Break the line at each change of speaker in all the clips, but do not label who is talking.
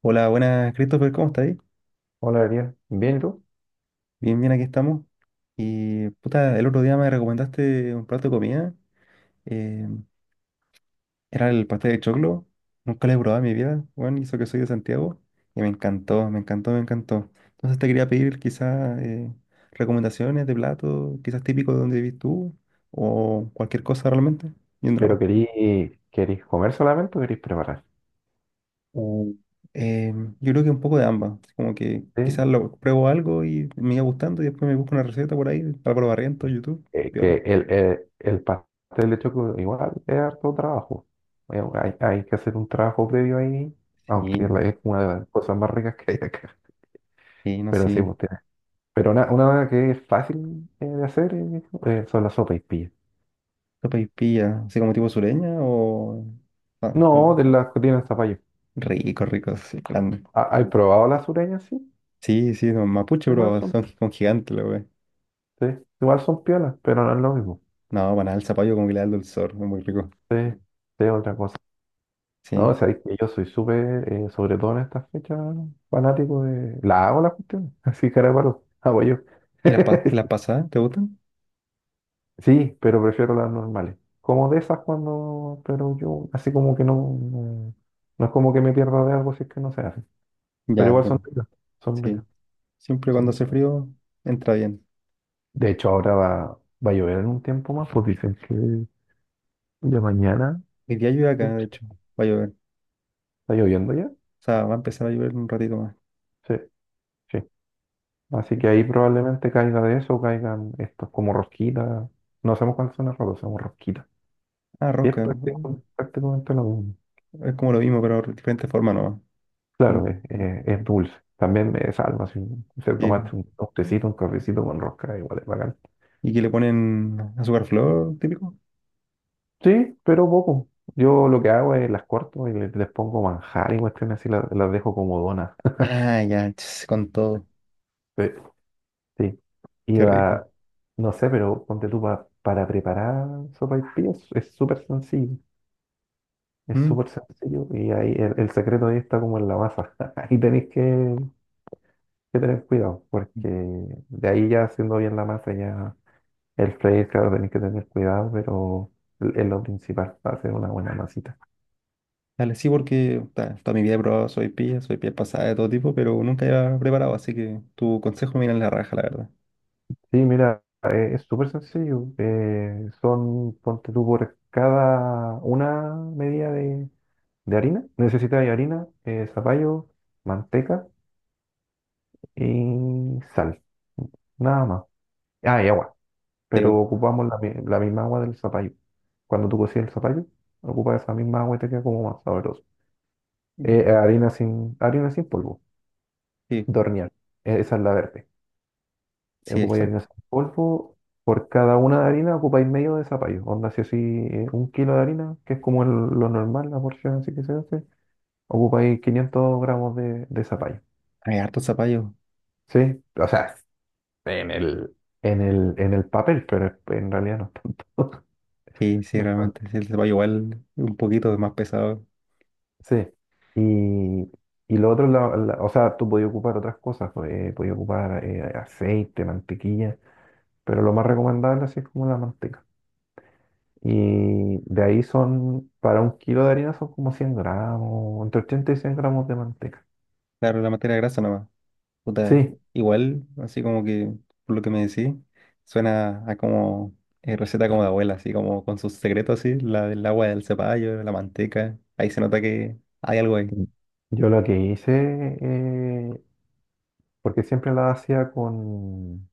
Hola, buenas, Christopher, ¿cómo estás? Ahí?
Hola, Ariel. Bien, ¿y tú?
Bien, bien, aquí estamos. Y puta, el otro día me recomendaste un plato de comida. eh, Era el pastel de choclo. Nunca lo he probado en mi vida, bueno, y eso que soy de Santiago. Y me encantó, me encantó, me encantó. Entonces te quería pedir quizás recomendaciones de platos, quizás típicos de donde vivís tú, o cualquier cosa realmente. Y un
Pero
drama.
querís comer solamente o querís preparar.
O, eh, yo creo que un poco de ambas. Como que
Sí.
quizás lo pruebo algo y me iba gustando y después me busco una receta por ahí, Álvaro Barrientos, YouTube,
Que
piola.
el pastel de choclo igual es harto trabajo. Hay que hacer un trabajo previo ahí, aunque
Sí,
es una de las cosas más ricas que hay acá.
sí, no
Pero sí,
sé.
pues, pero una que es fácil, de hacer, son las sopas y pillas.
Sopa y pilla, ¿así como tipo sureña o? Ah,
No,
como.
de las que tienen zapallo.
Rico, rico, sí, grande.
Ah, ¿has probado las sureñas? Sí,
Sí, sí, no, mapuche,
igual
bro,
son.
son como gigantes, la wey.
Sí, igual son piolas, pero no es lo mismo.
No, banal, al zapallo como que le da el dulzor, es muy rico.
Sí, sí, es otra cosa.
Sí.
No, sabéis que yo soy súper, sobre todo en estas fechas, fanático de la hago la cuestión, así cara de palo, hago yo.
¿Y las y las pasadas, te gustan?
Sí, pero prefiero las normales. Como de esas cuando pero yo, así como que no. No, no es como que me pierda de algo si es que no se hace.
Ya,
Pero igual son
entiendo.
ricas, son
Sí.
ricas,
Siempre cuando
son
hace
ricas.
frío, entra bien.
De hecho, ahora va a llover en un tiempo más, pues dicen que ya mañana.
Hoy día llueve acá, de
¿Está
hecho, va a llover.
lloviendo ya?
O sea, va a empezar a llover en un ratito más.
Sí, sí. Así que ahí probablemente caiga de eso, caigan estos como rosquitas. No sabemos cuáles son las rosas, somos rosquitas.
Ah,
Y es
rosca.
prácticamente lo mismo.
Es como lo mismo, pero de diferente forma nomás.
Claro,
Un-
es dulce. También me salva si se
sí.
tomaste un tecito, un cafecito con rosca, igual es bacán.
Y que le ponen azúcar flor, típico.
Sí, pero poco. Yo lo que hago es las corto y les pongo manjar y cuestiones así, las dejo como donas.
Ah, ya, ch, con todo.
Sí. Sí.
Qué
Iba,
rico.
no sé, pero ponte tú para preparar sopa y es súper sencillo. Es
Mm.
súper sencillo y ahí el secreto ahí está como en la masa. Ahí que tener cuidado, porque de ahí ya haciendo bien la masa, ya el freír, claro, tenéis que tener cuidado, pero es lo principal, para hacer una buena masita.
Dale, sí, porque toda mi vida he probado soy pilla pasada de todo tipo, pero nunca había preparado, así que tu consejo me viene en la raja, la verdad.
Sí, mira, es súper sencillo. Son, ponte tú por cada una medida de harina. Necesitas harina, zapallo, manteca y sal. Nada más. Ah, y agua.
Sí,
Pero
bo.
ocupamos la, la misma agua del zapallo. Cuando tú cocías el zapallo, ocupas esa misma agua y te queda como más sabroso. Harina sin polvo,
Sí,
de hornear. Esa es la verde.
sí,
Ocupáis harina
exacto.
sin polvo. Por cada una de harina ocupáis medio de zapallo. Onda, si así 1 kilo de harina, que es como lo normal, la porción así que se hace, ocupáis 500 gramos de zapallo.
Hay harto zapallo.
¿Sí? O sea, en el, en el, en el papel, pero en realidad no es tanto.
Sí, sí,
No es
realmente.
tanto.
Sí, el zapallo igual un poquito más pesado.
Sí, y, y lo otro, o sea, tú podías ocupar otras cosas, pues, podías ocupar aceite, mantequilla, pero lo más recomendable así es como la manteca. Y de ahí son, para 1 kilo de harina son como 100 gramos, entre 80 y 100 gramos de manteca.
Claro, la materia grasa nomás. Puta,
Sí,
igual, así como que, por lo que me decís, suena a como receta como de abuela, así como con sus secretos, así, la del agua del cepallo, la manteca, ahí se nota que hay algo ahí,
yo lo que hice, porque siempre la hacía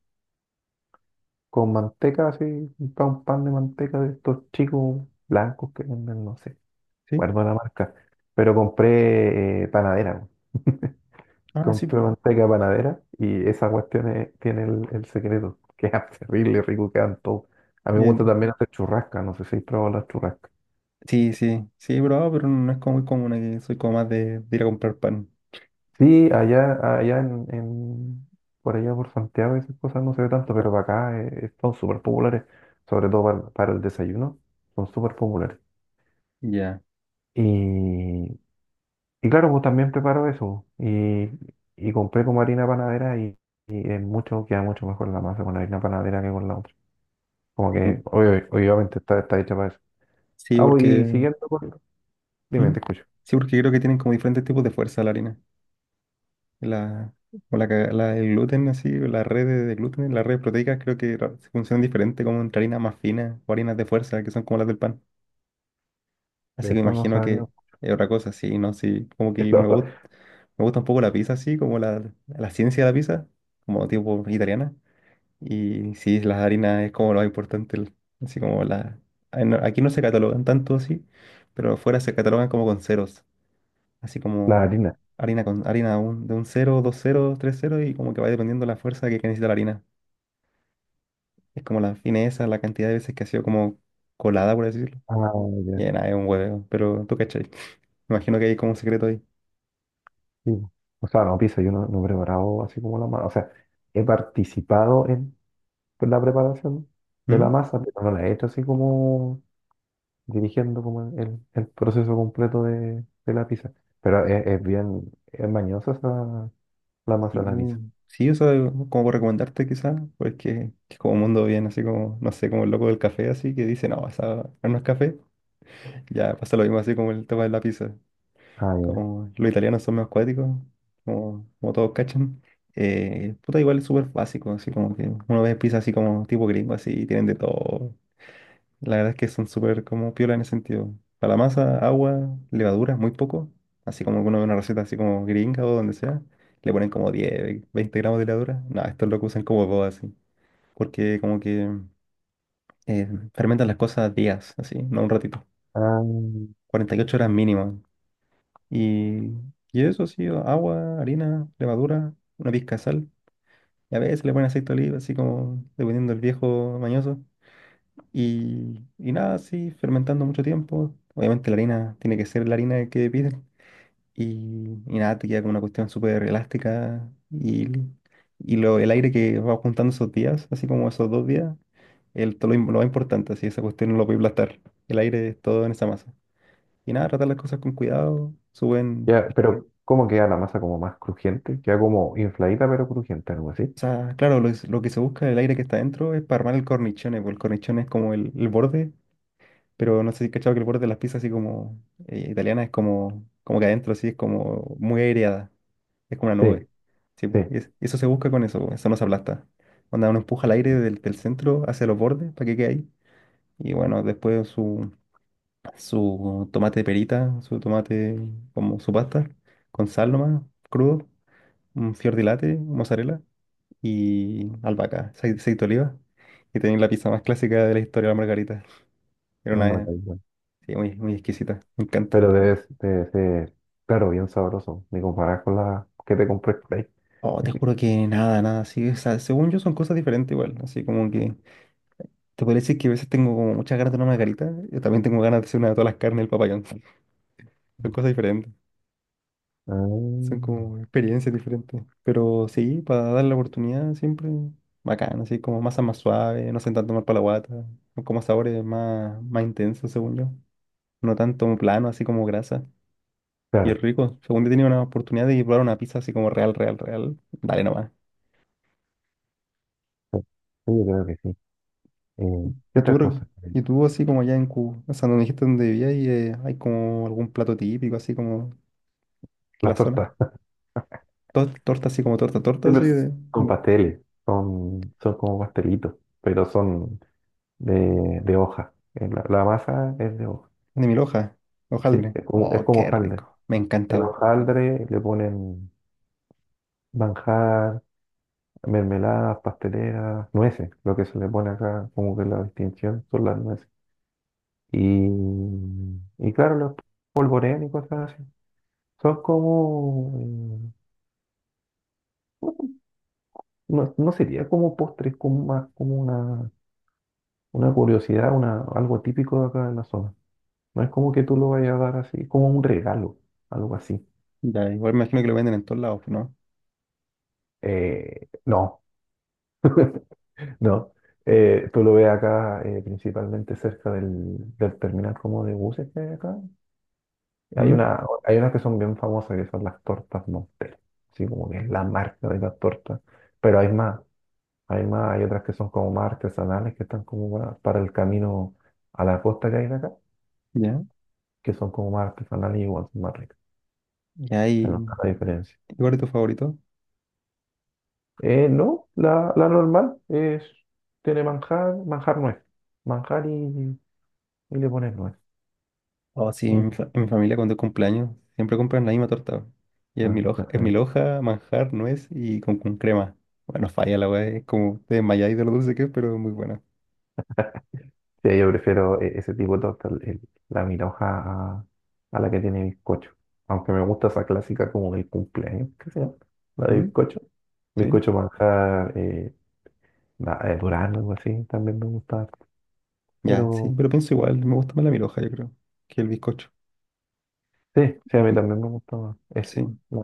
con manteca, así, un pan, pan de manteca de estos chicos blancos que venden, no sé
¿sí?
guardo la marca, pero compré panadera, weón.
Ah, sí,
Compré manteca panadera y esa cuestión tiene el secreto, que es terrible, rico, quedan todo. A mí me
bien.
gusta también hacer churrasca, no sé si has probado las churrascas.
Sí, sí, sí, he probado, pero no es como muy común aquí, soy como más de ir a comprar pan.
Sí, allá, allá por allá por Santiago esas cosas no se ve tanto, pero para acá, son súper populares, sobre todo para el desayuno, son súper populares.
Ya.
Y y claro, pues también preparo eso. Y compré como harina panadera y es mucho, queda mucho mejor la masa con la harina panadera que con la otra. Como
Sí,
que obviamente está, está hecha para eso.
sí,
Ah, pues, y
porque,
siguiendo con dime,
¿mm?
te escucho.
Sí, porque creo que tienen como diferentes tipos de fuerza la harina. La, o la, el gluten, así, o la red de gluten, las redes proteicas creo que funcionan diferente como entre harinas más finas o harinas de fuerza, que son como las del pan.
De
Así que
eso no
imagino
sabía.
que es otra cosa, sí, ¿no? Sí, como que
Lo
me gusta un poco la pizza, así, como la ciencia de la pizza, como tipo italiana. Y sí, las harinas es como lo más importante, así como la... Ay, no, aquí no se catalogan tanto así, pero afuera se catalogan como con ceros, así
la
como
harina.
harina con harina de un cero dos 0, 3 0 y como que va dependiendo la fuerza que necesita la harina. Es como la fineza, la cantidad de veces que ha sido como colada, por decirlo.
Ah, ya.
Y nada, es un hueveo, pero tú cachai. Me imagino que hay como un secreto ahí.
Sí, pues. O sea, no, pizza, yo no, no he preparado así como la masa. O sea, he participado en la preparación de la
¿Mm?
masa, pero no la he hecho así como dirigiendo como el proceso completo de la pizza. Pero es bien, es mañosa la masa
Sí,
de la pizza.
sí, eso como por recomendarte quizás, porque es como un mundo bien, así como, no sé, como el loco del café, así que dice, no, esa no es café. Ya pasa lo mismo así como el tema de la pizza.
Ah, ya.
Como los italianos son más cuáticos, como, como todos cachan, puta, igual es súper básico, así como que uno ve pizza así como tipo gringo, así, y tienen de todo. La verdad es que son súper como piola en ese sentido. Para la masa, agua, levadura, muy poco, así como que uno ve una receta así como gringa o donde sea, le ponen como 10 20 gramos de levadura. No, estos lo que usan como boba, así, porque como que eh, fermentan las cosas días, así, no un ratito.
Ah,
48 horas mínimo. Y, y eso así, agua, harina, levadura, una pizca de sal. Y a veces le ponen aceite de oliva, así como dependiendo del viejo mañoso. Y nada, así, fermentando mucho tiempo. Obviamente la harina tiene que ser la harina que piden. Y nada, te queda como una cuestión súper elástica. Y lo, el aire que va juntando esos días, así como esos 2 días, el, todo lo, lo más importante, así, esa cuestión no lo puede aplastar. El aire es todo en esa masa. Y nada, tratar las cosas con cuidado, suben.
ya, pero ¿cómo queda la masa como más crujiente? Queda como infladita pero crujiente, algo así.
O sea, claro, lo, lo que se busca el aire que está dentro es para armar el cornichone, porque el cornichone es como el borde, pero no sé si has cachado que el borde de las pizzas así como italiana es como, como que adentro así es como muy aireada, es como una
Sí,
nube. Sí,
sí,
po, y eso se busca con eso, po, eso no se aplasta. Cuando uno empuja el aire del, del centro hacia los bordes para que quede ahí. Y bueno, después su, su tomate de perita, su tomate como su pasta, con sal nomás, crudo, un fior di latte, mozzarella y albahaca, aceite de oliva. Y tenéis la pizza más clásica de la historia de la margarita. Era
la
una,
margarita.
sí, muy, muy exquisita, me encanta.
Pero debe, debe ser, claro, bien sabroso, ni comparar con la que te compré por ahí.
Oh, te juro que nada, nada, sí, o sea, según yo son cosas diferentes igual, así como que te podría decir que a veces tengo como muchas ganas de una margarita, yo también tengo ganas de hacer una de todas las carnes del papayón, son cosas diferentes,
Ah,
son como experiencias diferentes, pero sí, para darle la oportunidad siempre bacán, así como masas más suaves, no hacen tanto mal para la guata, son como sabores más, más intensos según yo, no tanto plano, así como grasa. Y es
claro,
rico. Según yo tenía una oportunidad de probar una pizza así como real, real, real. Dale nomás.
sí, yo creo que sí. ¿Qué
¿Y tú,
otra cosa?
y tú así como allá en Cuba? O sea, donde dijiste donde vivías y hay como algún plato típico así como de
Las
la zona.
tortas.
Torta así como torta, torta
Sí,
así
pues, son pasteles, son, son como pastelitos, pero son de hoja. La, la masa es de hoja.
de mil hojas.
Sí,
Hojaldre.
es
Oh,
como
qué
hojaldre.
rico. Me
El
encantaba.
hojaldre le ponen manjar, mermeladas, pasteleras, nueces. Lo que se le pone acá, como que la distinción son las nueces. Y, y claro, los polvorean y cosas así. Son como, no, no sería como postres, como más como una curiosidad, una, algo típico de acá de la zona. No es como que tú lo vayas a dar así, como un regalo, algo así.
Ya, igual me imagino que lo venden en todos lados, ¿no?
No, no. Tú lo ves acá, principalmente cerca del, del terminal como de buses que hay acá. Hay
¿Mm?
una, hay unas que son bien famosas, que son las tortas Montel. Sí, como que es la marca de las tortas. Pero hay más, hay más, hay otras que son como más artesanales, que están como para el camino a la costa que hay de acá,
¿Ya?
que son como más artesanales y igual son más ricas.
Ya, ¿y
Se
ahí?
nota la diferencia.
¿Y ¿Cuál es tu favorito?
No, la, la normal es, tiene manjar, manjar nuez, manjar y le pones nuez.
Oh, sí,
Y,
en mi, en mi familia cuando es cumpleaños siempre compran la misma torta. Y
bueno,
es mi
exactamente.
loja, manjar, nuez y con crema. Bueno, falla la weá, es como te desmayáis de lo dulce que es, pero es muy buena.
Sí, yo prefiero ese tipo de torta, la mira a, a la que tiene bizcocho. Aunque me gusta esa clásica como del cumpleaños, ¿qué se llama? La de
¿Mm?
bizcocho.
¿Sí?
Bizcocho manjar, la de durazno, algo así, también me gusta.
Ya, sí,
Pero
pero pienso igual, me gusta más la milhoja yo creo, que el bizcocho.
sí, sí, a mí
Y-
también me gusta más. Es
sí.
la,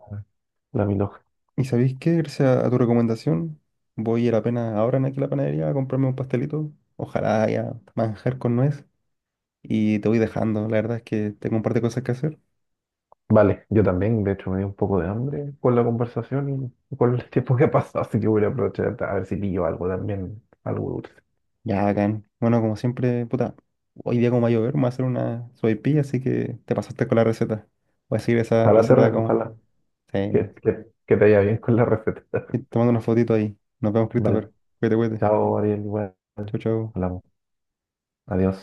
la mil.
¿Y sabéis qué? Gracias a tu recomendación, voy a ir apenas ahora en aquí a la panadería a comprarme un pastelito. Ojalá haya manjar con nuez. Y te voy dejando, la verdad es que tengo un par de cosas que hacer.
Vale, yo también, de hecho, me dio un poco de hambre con la conversación y con el tiempo que ha pasado, así que voy a aprovechar a ver si pillo algo también, algo dulce.
Ya, bacán. Bueno, como siempre, puta, hoy día como va a llover, me voy a hacer una sopaipilla, así que te pasaste con la receta. Voy a seguir esa
Ojalá te,
receta como...
ojalá
Sí.
que te vaya bien con la receta.
Y te mando una fotito ahí. Nos vemos,
Vale,
Christopher. Cuídate, cuídate.
chao, Ariel, igual,
Chau, chau.
hablamos, adiós.